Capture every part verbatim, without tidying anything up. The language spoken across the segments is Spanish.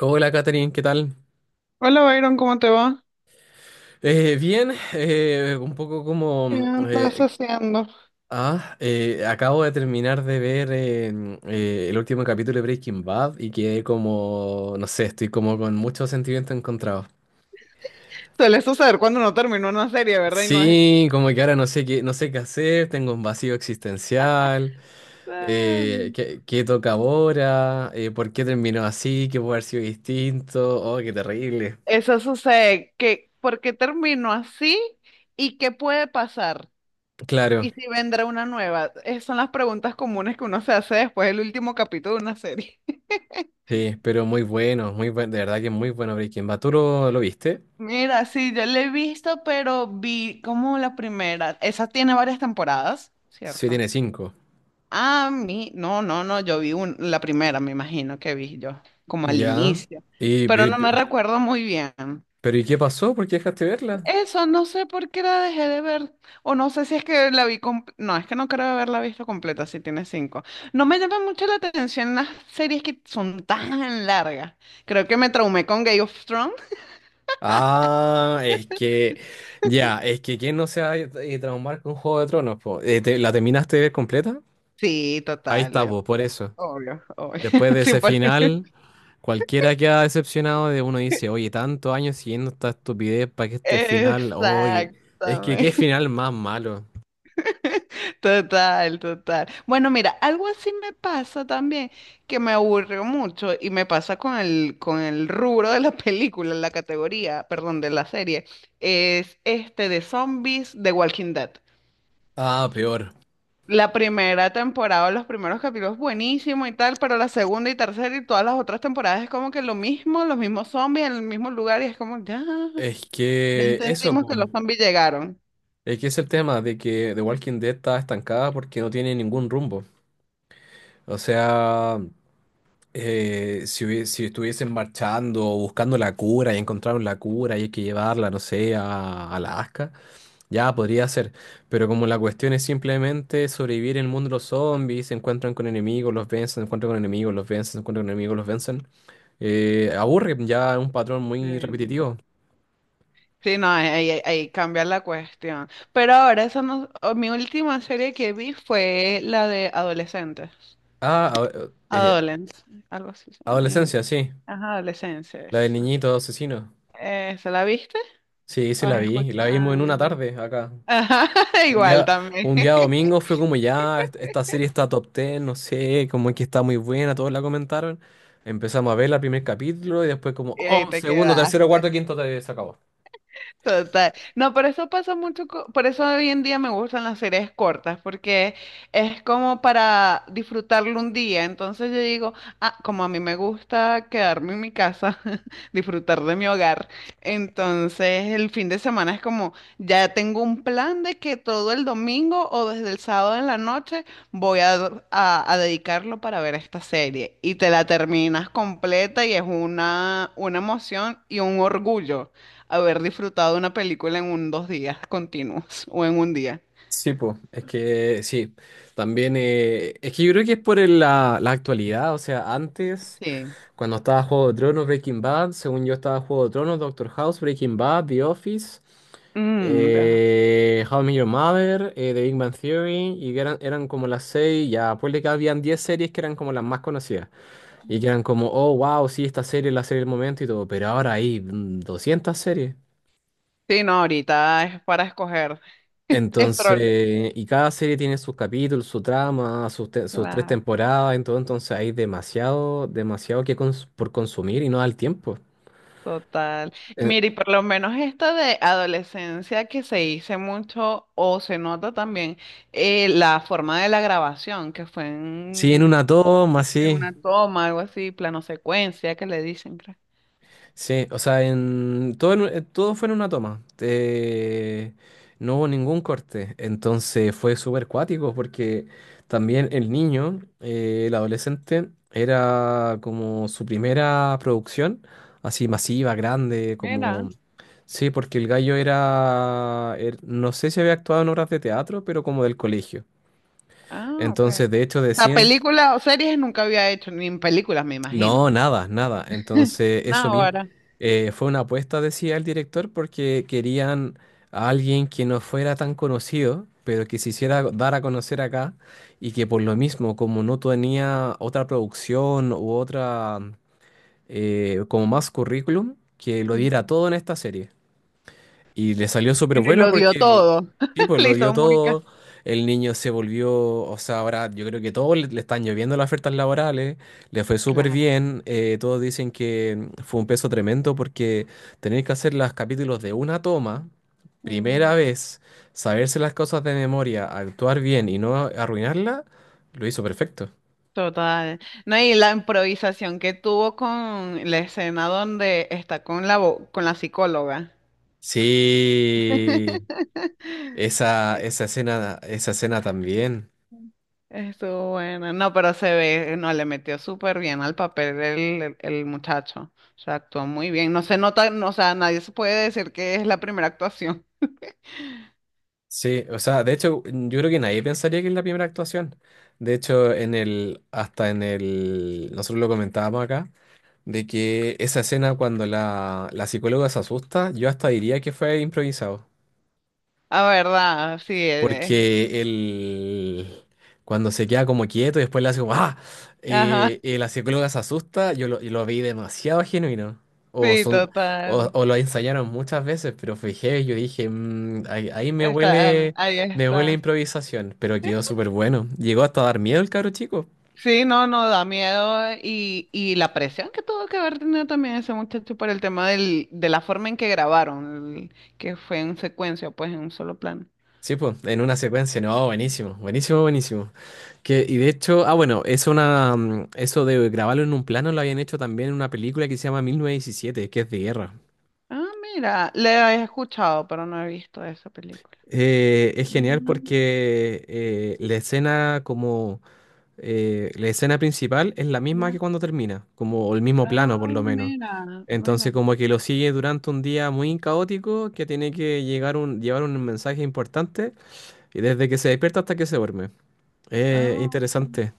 Hola, Katherine, ¿qué tal? Hola Byron, ¿cómo te va? Eh, bien, eh, un poco ¿Qué como... andas eh, haciendo? ah, eh, acabo de terminar de ver eh, eh, el último capítulo de Breaking Bad y quedé como... No sé, estoy como con muchos sentimientos encontrados. Suele suceder cuando uno termina una serie, ¿verdad? Y no es... Sí, como que ahora no sé qué, no sé qué hacer, tengo un vacío existencial, "Ah". eh, qué, qué toca ahora. Eh, ¿por qué terminó así? ¿Qué puede haber sido distinto? Oh, qué terrible. Eso sucede, que ¿por qué termino así? ¿Y qué puede pasar? ¿Y Claro. si vendrá una nueva? Esas son las preguntas comunes que uno se hace después del último capítulo de una serie. Sí, pero muy bueno, muy bueno, de verdad que es muy bueno Breaking Bad. ¿Tú lo, lo viste? Mira, sí, yo la he visto, pero vi como la primera. Esa tiene varias temporadas, Sí, ¿cierto? tiene cinco. A mí, no, no, no, yo vi un- la primera, me imagino que vi yo, como al Ya. inicio, Y, pero pe- no me recuerdo muy bien. pero, ¿y qué pasó? ¿Por qué dejaste verla? Eso, no sé por qué la dejé de ver, o no sé si es que la vi, com- no, es que no creo haberla visto completa, si tiene cinco. No me llama mucho la atención las series que son tan largas. Creo que me traumé con Game of Thrones. Ah, es que, ya, es que ¿quién no se va a eh, traumar con Juego de Tronos, po? Eh, ¿te- ¿la terminaste de ver completa? Sí, Ahí total, está, eh, po, por eso. obvio, obvio. Después de Sí, ese por- final, cualquiera queda decepcionado. De uno dice, oye, tantos años siguiendo esta estupidez para que este final, oye, es que qué Exactamente. final más malo. Total, total. Bueno, mira, algo así me pasa también, que me aburrió mucho y me pasa con el, con el rubro de la película, la categoría, perdón, de la serie, es este de zombies de Walking Dead. Ah, peor. La primera temporada, los primeros capítulos buenísimo y tal, pero la segunda y tercera y todas las otras temporadas es como que lo mismo, los mismos zombies en el mismo lugar y es como, ya, Es ya que eso, entendimos po. que los zombies llegaron. Es que es el tema de que The Walking Dead está estancada porque no tiene ningún rumbo. O sea, eh, si, hubie- si estuviesen marchando, o buscando la cura y encontraron la cura y hay que llevarla, no sé, a, a Alaska, ya podría ser. Pero como la cuestión es simplemente sobrevivir en el mundo de los zombies, se encuentran con enemigos, los vencen, se encuentran con enemigos, los vencen, se encuentran con enemigos, los vencen, eh, aburre, ya es un patrón muy Sí. repetitivo. Sí, no, ahí, ahí- ahí cambia la cuestión. Pero ahora, esa no, o mi última serie que vi fue la de adolescentes. Ah, a- eh, Adolescentes, algo así se llama en adolescencia, inglés. sí. Ajá, La del adolescencias. niñito asesino. Eh, ¿se la viste? Sí, sí ¿O la vi. La vimos en una escuchan? tarde acá. Ajá, Un igual día, también. un día domingo fue como ya, est- esta serie está top diez, no sé, como que está muy buena, todos la comentaron. Empezamos a ver el primer capítulo y después como, Y ahí oh, te segundo, tercero, cuarto, quedaste. quinto, te- se acabó. Total. No, por eso pasa mucho, co- por eso hoy en día me gustan las series cortas, porque es como para disfrutarlo un día. Entonces yo digo, ah, como a mí me gusta quedarme en mi casa, disfrutar de mi hogar, entonces el fin de semana es como, ya tengo un plan de que todo el domingo o desde el sábado en la noche voy a, a- a dedicarlo para ver esta serie. Y te la terminas completa y es una, una emoción y un orgullo haber disfrutado una película en un dos días continuos o en un día. Sí, pues, es que sí. También, eh, es que yo creo que es por el- la, la actualidad, o sea, antes... Sí. Cuando estaba Juego de Tronos, Breaking Bad, según yo estaba Juego de Tronos, Doctor House, Breaking Bad, The Office, Mm, deja- eh, How I Met Your Mother, eh, The Big Bang Theory, y que eran, eran como las seis, ya, pues, de que habían diez series que eran como las más conocidas, y que eran como, oh, wow, sí, esta serie es la serie del momento y todo, pero ahora hay mm, doscientas series. sí, no, ahorita es para escoger. Es problema. Entonces, y cada serie tiene sus capítulos, su trama, sus, te- sus tres Claro, temporadas, entonces, entonces hay demasiado, demasiado que cons- por consumir y no da el tiempo. total. Mire, y por lo menos esta de adolescencia que se hizo mucho o se nota también eh, la forma de la grabación, que fue Sí, en en, una toma, en sí. una toma, algo así, plano secuencia, que le dicen, creo. Sí, o sea, en todo, en un- eh, todo fue en una toma. Eh, no hubo ningún corte. Entonces fue súper cuático porque también el niño, eh, el adolescente, era como su primera producción, así masiva, grande, Mira, como... Sí, porque el gallo era, er- no sé si había actuado en obras de teatro, pero como del colegio. ah, ok. Entonces, de hecho, La decían, película o series nunca había hecho, ni en películas, me no, imagino. nada, nada. Entonces, No, eso mismo ahora. eh, fue una apuesta, decía el director, porque querían a alguien que no fuera tan conocido, pero que se hiciera dar a conocer acá y que por lo mismo, como no tenía otra producción u otra, eh, como más currículum, que lo diera mm, todo en esta serie. Y le salió súper Y bueno lo dio porque el todo. tipo Le lo dio hizo muy ca- todo. El niño se volvió, o sea, ahora yo creo que todos le, le están lloviendo las ofertas laborales, le fue súper claro. bien, eh, todos dicen que mm, fue un peso tremendo porque tener que hacer los capítulos de una toma, primera Mm, vez, saberse las cosas de memoria, actuar bien y no arruinarla, lo hizo perfecto. total. No, y la improvisación que tuvo con la escena donde está con la vo- con la psicóloga. Sí, esa, esa escena, esa escena también. Estuvo buena. No, pero se ve, no, le metió súper bien al papel el, el- el muchacho. O sea, actuó muy bien. No se nota, no, o sea, nadie se puede decir que es la primera actuación. Sí, o sea, de hecho, yo creo que nadie pensaría que es la primera actuación. De hecho, en el, hasta en el, nosotros lo comentábamos acá, de que esa escena cuando la, la psicóloga se asusta, yo hasta diría que fue improvisado. La verdad, sí. eh, Porque él, cuando se queda como quieto y después le hace como, ¡ah! Ajá, eh, eh, la psicóloga se asusta, yo lo, y lo vi demasiado genuino. O, sí, son, o, total. o lo ensayaron muchas veces, pero fue heavy, yo dije: "Mm, ahí, ahí me Está, huele, ahí me huele a está. improvisación", pero quedó súper bueno. Llegó hasta a dar miedo el cabro chico. Sí, no, no, da miedo eh, y, y la presión que tuvo que haber tenido también ese muchacho por el tema del, de la forma en que grabaron, el- que fue en secuencia, pues en un solo plano. Sí, pues, en una secuencia, no, buenísimo, buenísimo, buenísimo. Que, y de hecho, ah, bueno, es una, mm, eso de grabarlo en un plano lo habían hecho también en una película que se llama mil novecientos diecisiete, que es de guerra. Ah, mira, le he escuchado, pero no he visto esa película. Eh, es genial Ah, porque eh, la escena como eh, la escena principal es la misma que ya. cuando termina, como o el mismo plano Ah, por lo menos. mira, Entonces mira. como que lo sigue durante un día muy caótico que tiene que llegar un, llevar un mensaje importante y desde que se despierta hasta que se duerme. Eh, Ah. interesante.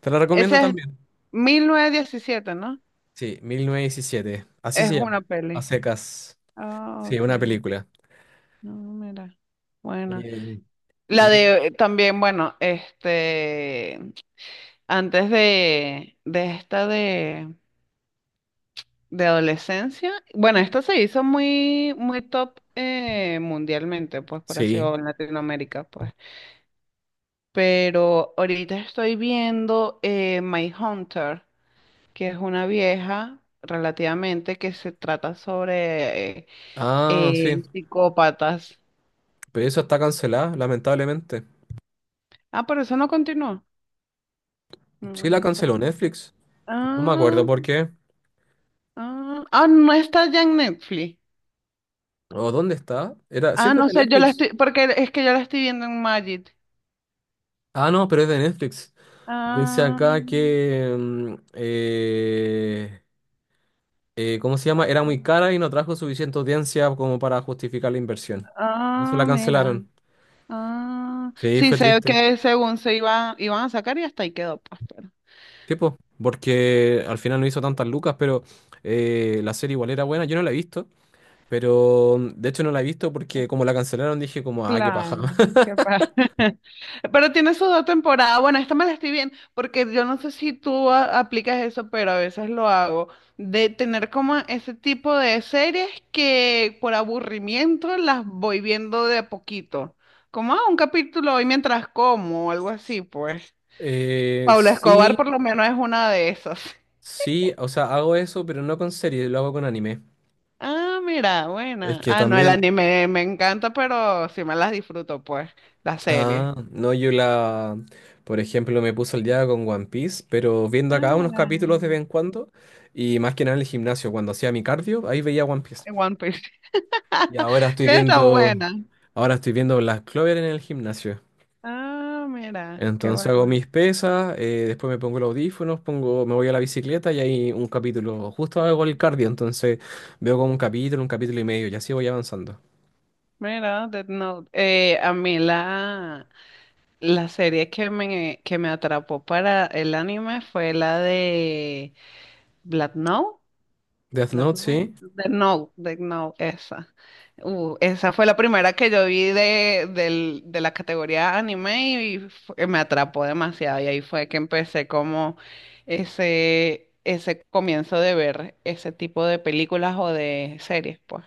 Te la Ese recomiendo es también. mil novecientos diecisiete, ¿no? Sí, mil novecientos diecisiete. Así Es se llama. una A peli. secas. Ah, Sí, ok. una película. No, mira. Bueno. Eh, La y de también, bueno, este, antes de, de esta de, de adolescencia, bueno, esta se hizo muy, muy top eh, mundialmente, pues por así sí. o en Latinoamérica, pues. Pero ahorita estoy viendo eh, My Hunter, que es una vieja relativamente que se trata sobre eh, Ah, sí. eh, psicópatas. Pero eso está cancelada, lamentablemente. Ah, pero eso no continuó. Me Sí, la canceló imagino. Netflix. No me Ah. acuerdo por qué. Ah, ah, no está ya en Netflix. ¿O dónde está? Era, Ah, siempre es no de sé, yo la Netflix. estoy, porque es que yo la estoy viendo en Magic. Ah, no, pero es de Netflix. Dice Ah, acá que... mm, eh, eh, ¿cómo se llama? Era muy iPhone. cara y no trajo suficiente audiencia como para justificar la inversión. Eso Ah, la mira. cancelaron. Ah, Sí, sí, fue sé triste. que según se iba, iban a sacar y hasta ahí quedó, pues. Tipo, porque al final no hizo tantas lucas, pero eh, la serie igual era buena. Yo no la he visto. Pero mm, de hecho no la he visto porque como la cancelaron dije como, ah, qué paja. Claro, qué padre. Pero tiene su dos temporadas. Bueno, esta me la estoy viendo, porque yo no sé si tú a- aplicas eso, pero a veces lo hago, de tener como ese tipo de series que por aburrimiento las voy viendo de a poquito. Como ah, un capítulo hoy mientras como o algo así, pues. Eh, Pablo Escobar por sí, lo menos es una de esas. sí, o sea, hago eso, pero no con series, lo hago con anime. Ah, mira, Es buena. que Ah, no, el también, anime me encanta, pero sí me las disfruto, pues, la serie. ah, no, yo la, por ejemplo, me puso el día con One Piece, pero viendo Ah, acá unos mira. capítulos de vez en cuando, y más que nada en el gimnasio, cuando hacía mi cardio, ahí veía One Piece. En One Piece. Y ahora estoy Que está viendo, buena. ahora estoy viendo Black Clover en el gimnasio. Ah, mira, qué Entonces hago buena. mis pesas, eh, después me pongo los audífonos, pongo, me voy a la bicicleta y hay un capítulo. Justo hago el cardio, entonces veo como un capítulo, un capítulo y medio, y así voy avanzando. Mira, Death Note. Eh, a mí la, la serie que me, que me atrapó para el anime fue la de Black Note. Death Black Note, No, sí, de No, de No, esa. Uh, esa fue la primera que yo vi de, del- de la categoría anime y fu- eh, me atrapó demasiado. Y ahí fue que empecé como ese, ese comienzo de ver ese tipo de películas o de series, pues.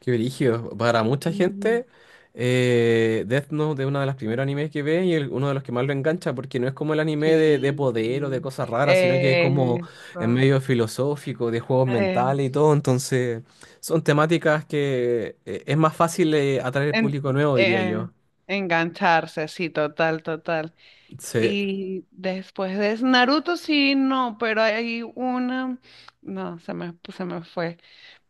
qué brillo. Para mucha Mm, gente, eh, Death Note es uno de los primeros animes que ve y el- uno de los que más lo engancha, porque no es como el anime de, de poder o de Sí. cosas raras, sino que es como en Eso. medio filosófico, de juegos Eh, mentales y todo. Entonces, son temáticas que eh, es más fácil eh, atraer al en- público nuevo, diría eh, yo. engancharse, sí, total, total. Sí, Y después de Naruto, sí, no, pero hay una. No, se me, pues, se me fue.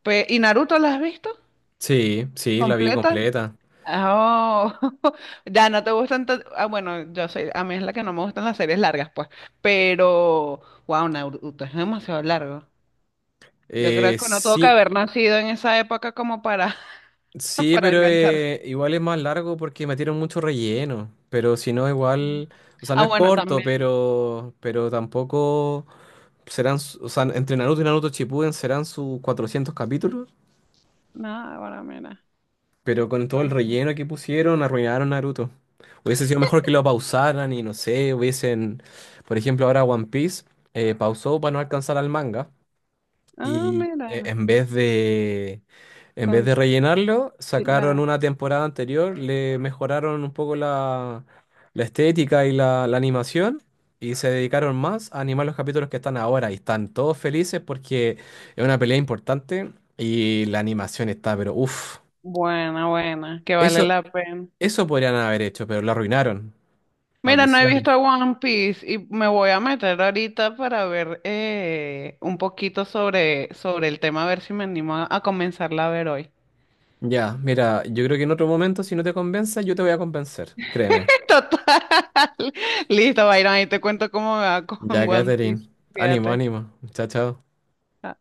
Pe- ¿y Naruto la has visto? sí, sí, la vi ¿Completa? completa. Oh, ya no te gustan. tan- Ah, bueno, yo soy. A mí es la que no me gustan las series largas, pues. Pero, wow, Naruto es demasiado largo. Yo creo Eh, que uno tuvo que sí, haber nacido en esa época como para, sí, para pero engancharse. eh, igual es más largo porque metieron mucho relleno. Pero si no, Ujú. igual, o sea, no Ah, es bueno, corto, también. pero, pero tampoco serán, su- o sea, entre Naruto y Naruto Shippuden serán sus cuatrocientos capítulos. No, bueno, mira. Pero con todo Va. el relleno que pusieron, arruinaron Naruto. Hubiese sido mejor que lo pausaran y no sé, hubiesen, por ejemplo, ahora One Piece eh, pausó para no alcanzar al manga. Ah, Y e- mira. en vez de, en vez Con, de rellenarlo, sacaron una temporada anterior, le mejoraron un poco la, la estética y la, la animación y se dedicaron más a animar los capítulos que están ahora y están todos felices porque es una pelea importante y la animación está, pero uff, buena, buena, que vale eso, la pena. eso podrían haber hecho, pero lo arruinaron. Mira, no he visto Maldición. One Piece y me voy a meter ahorita para ver eh, un poquito sobre, sobre el tema, a ver si me animo a, a comenzarla a ver hoy. Ya, mira, yo creo que en otro momento, si no te convenza, yo te voy a convencer, créeme. Total. Listo, Byron, ahí te cuento cómo me va con Ya, One Catherine, Piece. ánimo, Fíjate. ánimo. Chao, chao.